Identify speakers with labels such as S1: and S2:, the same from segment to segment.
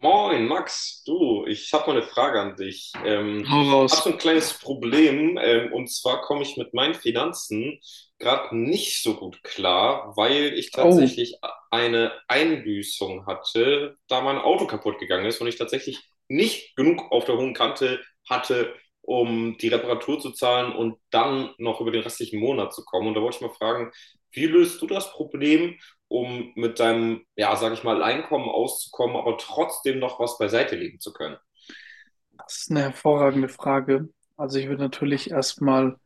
S1: Moin, Max, du, ich habe mal eine Frage an dich.
S2: Hau
S1: Hab so
S2: raus.
S1: ein kleines Problem, und zwar komme ich mit meinen Finanzen gerade nicht so gut klar, weil ich
S2: Oh,
S1: tatsächlich eine Einbüßung hatte, da mein Auto kaputt gegangen ist und ich tatsächlich nicht genug auf der hohen Kante hatte, um die Reparatur zu zahlen und dann noch über den restlichen Monat zu kommen. Und da wollte ich mal fragen, wie löst du das Problem, um mit deinem, ja, sag ich mal, Einkommen auszukommen, aber trotzdem noch was beiseite legen zu können?
S2: das ist eine hervorragende Frage. Also ich würde natürlich erstmal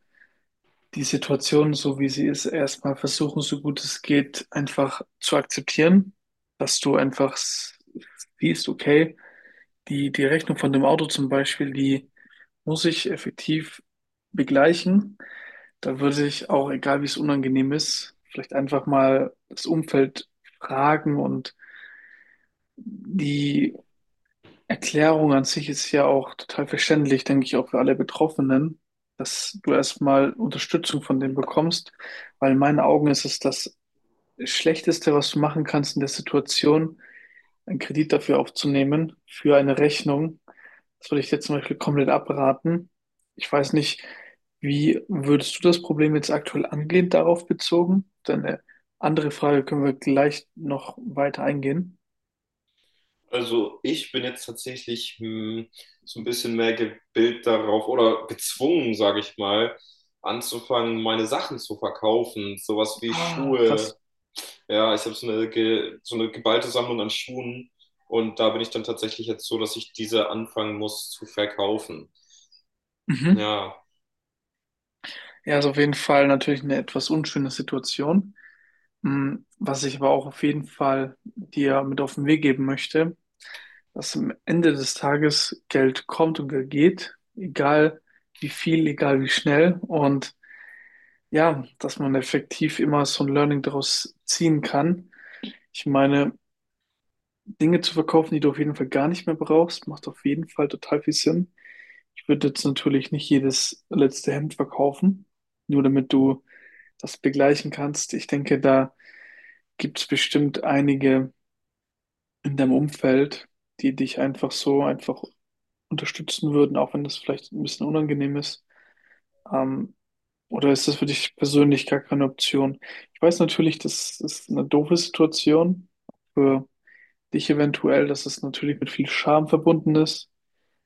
S2: die Situation, so wie sie ist, erstmal versuchen, so gut es geht, einfach zu akzeptieren, dass du einfach siehst, okay, die Rechnung von dem Auto zum Beispiel, die muss ich effektiv begleichen. Da würde ich auch, egal wie es unangenehm ist, vielleicht einfach mal das Umfeld fragen, und die Erklärung an sich ist ja auch total verständlich, denke ich, auch für alle Betroffenen, dass du erstmal Unterstützung von denen bekommst, weil in meinen Augen ist es das Schlechteste, was du machen kannst in der Situation, einen Kredit dafür aufzunehmen, für eine Rechnung. Das würde ich jetzt zum Beispiel komplett abraten. Ich weiß nicht, wie würdest du das Problem jetzt aktuell angehen, darauf bezogen? Deine andere Frage können wir gleich noch weiter eingehen.
S1: Also ich bin jetzt tatsächlich so ein bisschen mehr gebildet darauf oder gezwungen, sage ich mal, anzufangen, meine Sachen zu verkaufen. Sowas wie
S2: Ah,
S1: Schuhe.
S2: krass.
S1: Ja, ich habe so eine, so eine geballte Sammlung an Schuhen und da bin ich dann tatsächlich jetzt so, dass ich diese anfangen muss zu verkaufen.
S2: Mhm.
S1: Ja,
S2: Ja, ist auf jeden Fall natürlich eine etwas unschöne Situation. Hm. Was ich aber auch auf jeden Fall dir mit auf den Weg geben möchte, dass am Ende des Tages Geld kommt und Geld geht, egal wie viel, egal wie schnell. Und ja, dass man effektiv immer so ein Learning daraus ziehen kann. Ich meine, Dinge zu verkaufen, die du auf jeden Fall gar nicht mehr brauchst, macht auf jeden Fall total viel Sinn. Ich würde jetzt natürlich nicht jedes letzte Hemd verkaufen, nur damit du das begleichen kannst. Ich denke, da gibt es bestimmt einige in deinem Umfeld, die dich einfach so einfach unterstützen würden, auch wenn das vielleicht ein bisschen unangenehm ist. Ähm, oder ist das für dich persönlich gar keine Option? Ich weiß natürlich, das ist eine doofe Situation für dich eventuell, dass es natürlich mit viel Scham verbunden ist.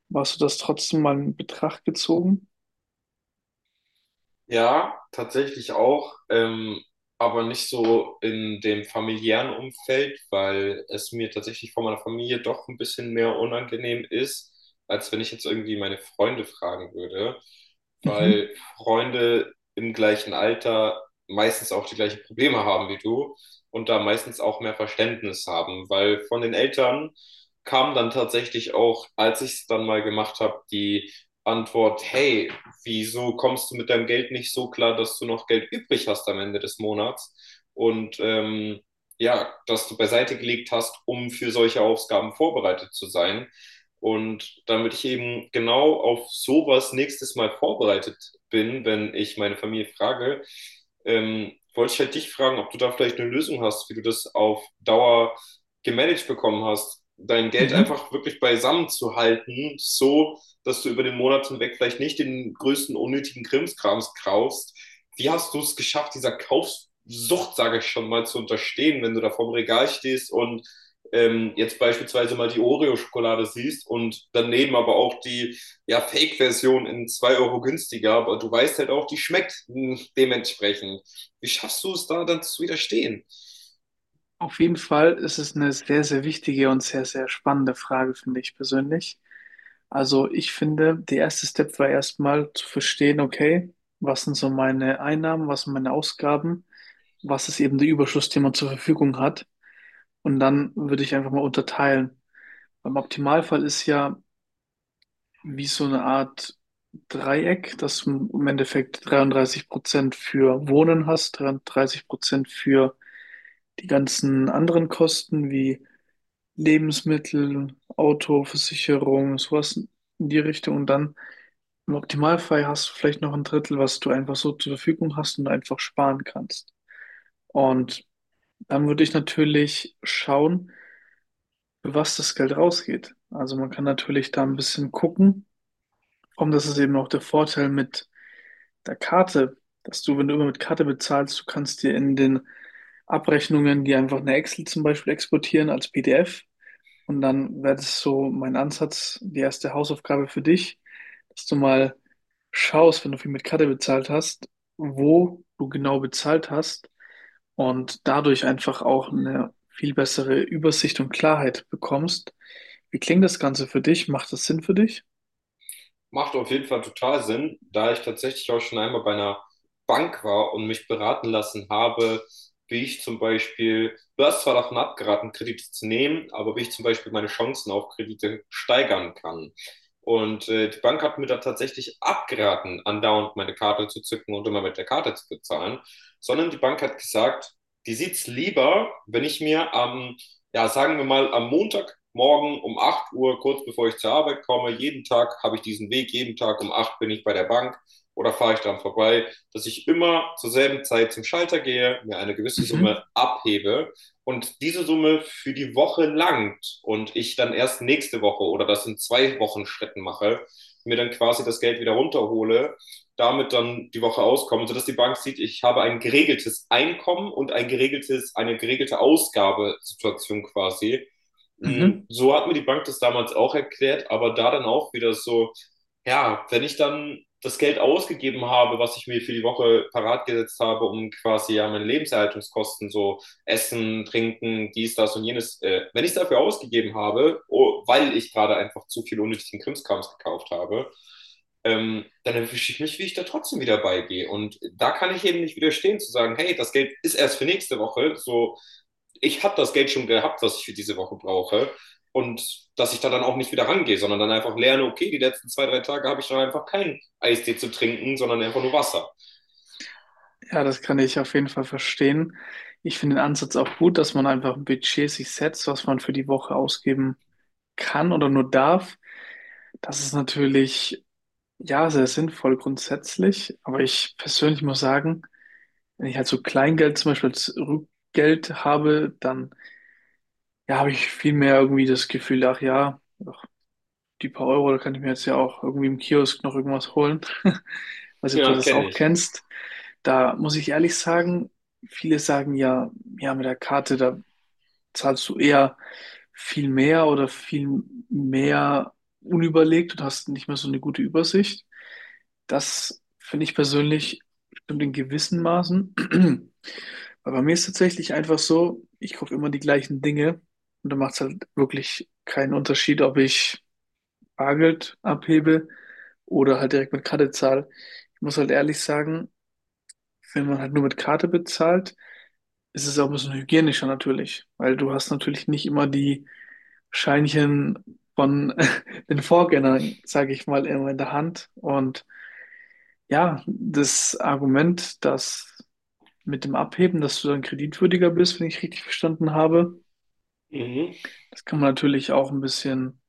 S2: Aber hast du das trotzdem mal in Betracht gezogen?
S1: ja, tatsächlich auch, aber nicht so in dem familiären Umfeld, weil es mir tatsächlich von meiner Familie doch ein bisschen mehr unangenehm ist, als wenn ich jetzt irgendwie meine Freunde fragen würde,
S2: Mhm.
S1: weil Freunde im gleichen Alter meistens auch die gleichen Probleme haben wie du und da meistens auch mehr Verständnis haben, weil von den Eltern kam dann tatsächlich auch, als ich es dann mal gemacht habe, die Antwort: hey, wieso kommst du mit deinem Geld nicht so klar, dass du noch Geld übrig hast am Ende des Monats und ja, dass du beiseite gelegt hast, um für solche Ausgaben vorbereitet zu sein. Und damit ich eben genau auf sowas nächstes Mal vorbereitet bin, wenn ich meine Familie frage, wollte ich halt dich fragen, ob du da vielleicht eine Lösung hast, wie du das auf Dauer gemanagt bekommen hast, dein Geld
S2: Mhm.
S1: einfach wirklich beisammen zu halten, so dass du über den Monat hinweg vielleicht nicht den größten unnötigen Krimskrams kaufst. Wie hast du es geschafft, dieser Kaufsucht, sage ich schon mal, zu unterstehen, wenn du da vorm Regal stehst und jetzt beispielsweise mal die Oreo-Schokolade siehst und daneben aber auch die, ja, Fake-Version in 2 Euro günstiger, aber du weißt halt auch, die schmeckt, dementsprechend. Wie schaffst du es da dann zu widerstehen?
S2: Auf jeden Fall ist es eine sehr, sehr wichtige und sehr, sehr spannende Frage, finde ich persönlich. Also ich finde, der erste Step war erstmal zu verstehen, okay, was sind so meine Einnahmen, was sind meine Ausgaben, was ist eben der Überschuss, den man zur Verfügung hat. Und dann würde ich einfach mal unterteilen. Beim Optimalfall ist ja wie so eine Art Dreieck, dass du im Endeffekt 33% für Wohnen hast, 33% für die ganzen anderen Kosten wie Lebensmittel, Auto, Versicherung, sowas in die Richtung. Und dann im Optimalfall hast du vielleicht noch ein Drittel, was du einfach so zur Verfügung hast und einfach sparen kannst. Und dann würde ich natürlich schauen, für was das Geld rausgeht. Also man kann natürlich da ein bisschen gucken. Und das ist eben auch der Vorteil mit der Karte, dass du, wenn du immer mit Karte bezahlst, du kannst dir in den Abrechnungen, die einfach eine Excel zum Beispiel exportieren als PDF. Und dann wäre das so mein Ansatz, die erste Hausaufgabe für dich, dass du mal schaust, wenn du viel mit Karte bezahlt hast, wo du genau bezahlt hast und dadurch einfach auch eine viel bessere Übersicht und Klarheit bekommst. Wie klingt das Ganze für dich? Macht das Sinn für dich?
S1: Macht auf jeden Fall total Sinn, da ich tatsächlich auch schon einmal bei einer Bank war und mich beraten lassen habe, wie ich zum Beispiel, du hast zwar davon abgeraten, Kredite zu nehmen, aber wie ich zum Beispiel meine Chancen auf Kredite steigern kann. Und die Bank hat mir da tatsächlich abgeraten, andauernd meine Karte zu zücken und immer mit der Karte zu bezahlen, sondern die Bank hat gesagt, die sieht's lieber, wenn ich mir am, ja, sagen wir mal, am Montagmorgen um 8 Uhr, kurz bevor ich zur Arbeit komme, jeden Tag habe ich diesen Weg, jeden Tag um 8 bin ich bei der Bank oder fahre ich dran vorbei, dass ich immer zur selben Zeit zum Schalter gehe, mir eine gewisse Summe
S2: Mhm.
S1: abhebe und diese Summe für die Woche langt und ich dann erst nächste Woche oder das in zwei Wochen Schritten mache, mir dann quasi das Geld wieder runterhole, damit dann die Woche auskomme, sodass die Bank sieht, ich habe ein geregeltes Einkommen und ein geregeltes, eine geregelte Ausgabesituation quasi.
S2: Mhm.
S1: So hat mir die Bank das damals auch erklärt, aber da dann auch wieder so, ja, wenn ich dann das Geld ausgegeben habe, was ich mir für die Woche parat gesetzt habe, um quasi, ja, meine Lebenserhaltungskosten, so Essen, Trinken, dies, das und jenes, wenn ich es dafür ausgegeben habe, oh, weil ich gerade einfach zu viel unnötigen Krimskrams gekauft habe, dann erwische ich mich, wie ich da trotzdem wieder beigehe. Und da kann ich eben nicht widerstehen, zu sagen, hey, das Geld ist erst für nächste Woche, so ich habe das Geld schon gehabt, was ich für diese Woche brauche. Und dass ich da dann auch nicht wieder rangehe, sondern dann einfach lerne, okay, die letzten zwei, drei Tage habe ich dann einfach keinen Eistee zu trinken, sondern einfach nur Wasser.
S2: Ja, das kann ich auf jeden Fall verstehen. Ich finde den Ansatz auch gut, dass man einfach ein Budget sich setzt, was man für die Woche ausgeben kann oder nur darf. Das ist natürlich, ja, sehr sinnvoll grundsätzlich. Aber ich persönlich muss sagen, wenn ich halt so Kleingeld zum Beispiel als Rückgeld habe, dann, ja, habe ich viel mehr irgendwie das Gefühl, ach ja, die paar Euro, da kann ich mir jetzt ja auch irgendwie im Kiosk noch irgendwas holen. Weiß nicht, ob du
S1: Ja,
S2: das
S1: kenne
S2: auch
S1: ich.
S2: kennst. Da muss ich ehrlich sagen, viele sagen ja, ja, mit der Karte, da zahlst du eher viel mehr oder viel mehr unüberlegt und hast nicht mehr so eine gute Übersicht. Das finde ich persönlich stimmt in gewissen Maßen. Weil bei mir ist tatsächlich einfach so, ich kaufe immer die gleichen Dinge und da macht es halt wirklich keinen Unterschied, ob ich Bargeld abhebe oder halt direkt mit Karte zahle. Ich muss halt ehrlich sagen, wenn man halt nur mit Karte bezahlt, ist es auch ein bisschen hygienischer natürlich, weil du hast natürlich nicht immer die Scheinchen von den Vorgängern, sage ich mal, immer in der Hand. Und ja, das Argument, dass mit dem Abheben, dass du dann kreditwürdiger bist, wenn ich richtig verstanden habe,
S1: Mhm.
S2: das kann man natürlich auch ein bisschen,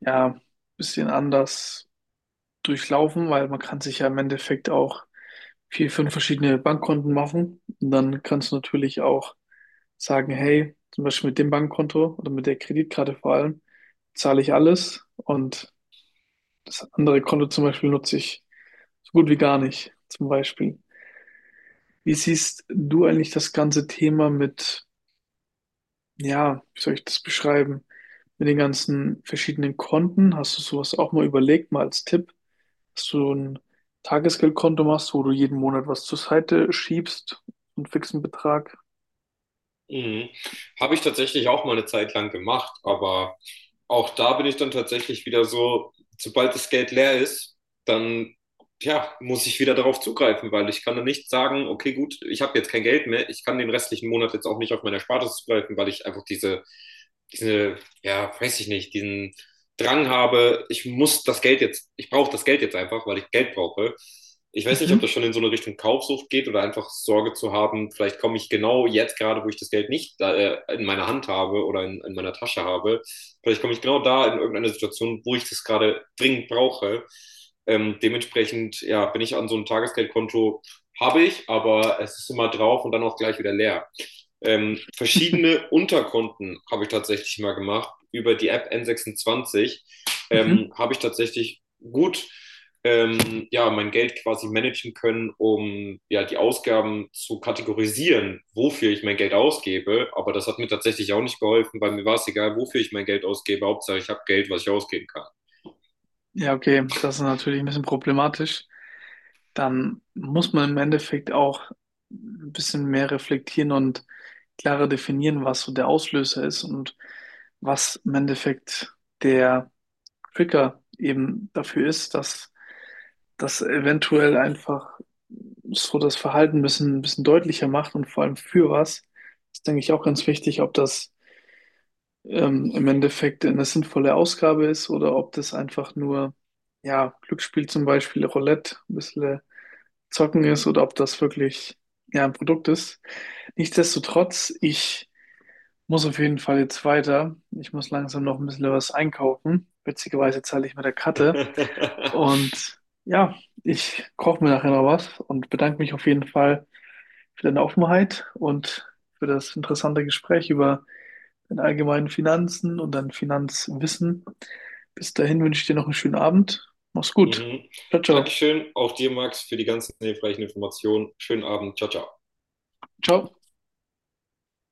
S2: ja, bisschen anders durchlaufen, weil man kann sich ja im Endeffekt auch vier, fünf verschiedene Bankkonten machen. Und dann kannst du natürlich auch sagen, hey, zum Beispiel mit dem Bankkonto oder mit der Kreditkarte vor allem, zahle ich alles und das andere Konto zum Beispiel nutze ich so gut wie gar nicht, zum Beispiel. Wie siehst du eigentlich das ganze Thema mit, ja, wie soll ich das beschreiben, mit den ganzen verschiedenen Konten? Hast du sowas auch mal überlegt, mal als Tipp, dass du ein Tagesgeldkonto machst, wo du jeden Monat was zur Seite schiebst, einen fixen Betrag.
S1: Mhm. Habe ich tatsächlich auch mal eine Zeit lang gemacht, aber auch da bin ich dann tatsächlich wieder so, sobald das Geld leer ist, dann, ja, muss ich wieder darauf zugreifen, weil ich kann dann nicht sagen, okay, gut, ich habe jetzt kein Geld mehr, ich kann den restlichen Monat jetzt auch nicht auf meine Erspartes zugreifen, weil ich einfach diese, ja, weiß ich nicht, diesen Drang habe, ich muss das Geld jetzt, ich brauche das Geld jetzt einfach, weil ich Geld brauche. Ich weiß nicht, ob das
S2: Mhm.
S1: schon in so eine Richtung Kaufsucht geht oder einfach Sorge zu haben, vielleicht komme ich genau jetzt gerade, wo ich das Geld nicht in meiner Hand habe oder in meiner Tasche habe, vielleicht komme ich genau da in irgendeine Situation, wo ich das gerade dringend brauche. Dementsprechend, ja, bin ich an so einem Tagesgeldkonto, habe ich, aber es ist immer drauf und dann auch gleich wieder leer.
S2: Mhm.
S1: Verschiedene Unterkonten habe ich tatsächlich mal gemacht. Über die App N26
S2: Mhm.
S1: habe ich tatsächlich gut, ja, mein Geld quasi managen können, um, ja, die Ausgaben zu kategorisieren, wofür ich mein Geld ausgebe. Aber das hat mir tatsächlich auch nicht geholfen, weil mir war es egal, wofür ich mein Geld ausgebe. Hauptsache, ich habe Geld, was ich ausgeben kann.
S2: Ja, okay, das ist natürlich ein bisschen problematisch. Dann muss man im Endeffekt auch ein bisschen mehr reflektieren und klarer definieren, was so der Auslöser ist und was im Endeffekt der Trigger eben dafür ist, dass das eventuell einfach so das Verhalten ein bisschen deutlicher macht und vor allem für was. Das denke ich auch ganz wichtig, ob das im Endeffekt eine sinnvolle Ausgabe ist oder ob das einfach nur, ja, Glücksspiel zum Beispiel, Roulette, ein bisschen zocken ist oder ob das wirklich, ja, ein Produkt ist. Nichtsdestotrotz, ich muss auf jeden Fall jetzt weiter. Ich muss langsam noch ein bisschen was einkaufen. Witzigerweise zahle ich mit der Karte. Und ja, ich koche mir nachher noch was und bedanke mich auf jeden Fall für deine Offenheit und für das interessante Gespräch über deine allgemeinen Finanzen und dein Finanzwissen. Bis dahin wünsche ich dir noch einen schönen Abend. Mach's gut.
S1: Mhm.
S2: Ciao, ciao.
S1: Dankeschön, auch dir, Max, für die ganzen hilfreichen Informationen. Schönen Abend. Ciao, ciao.
S2: Ciao.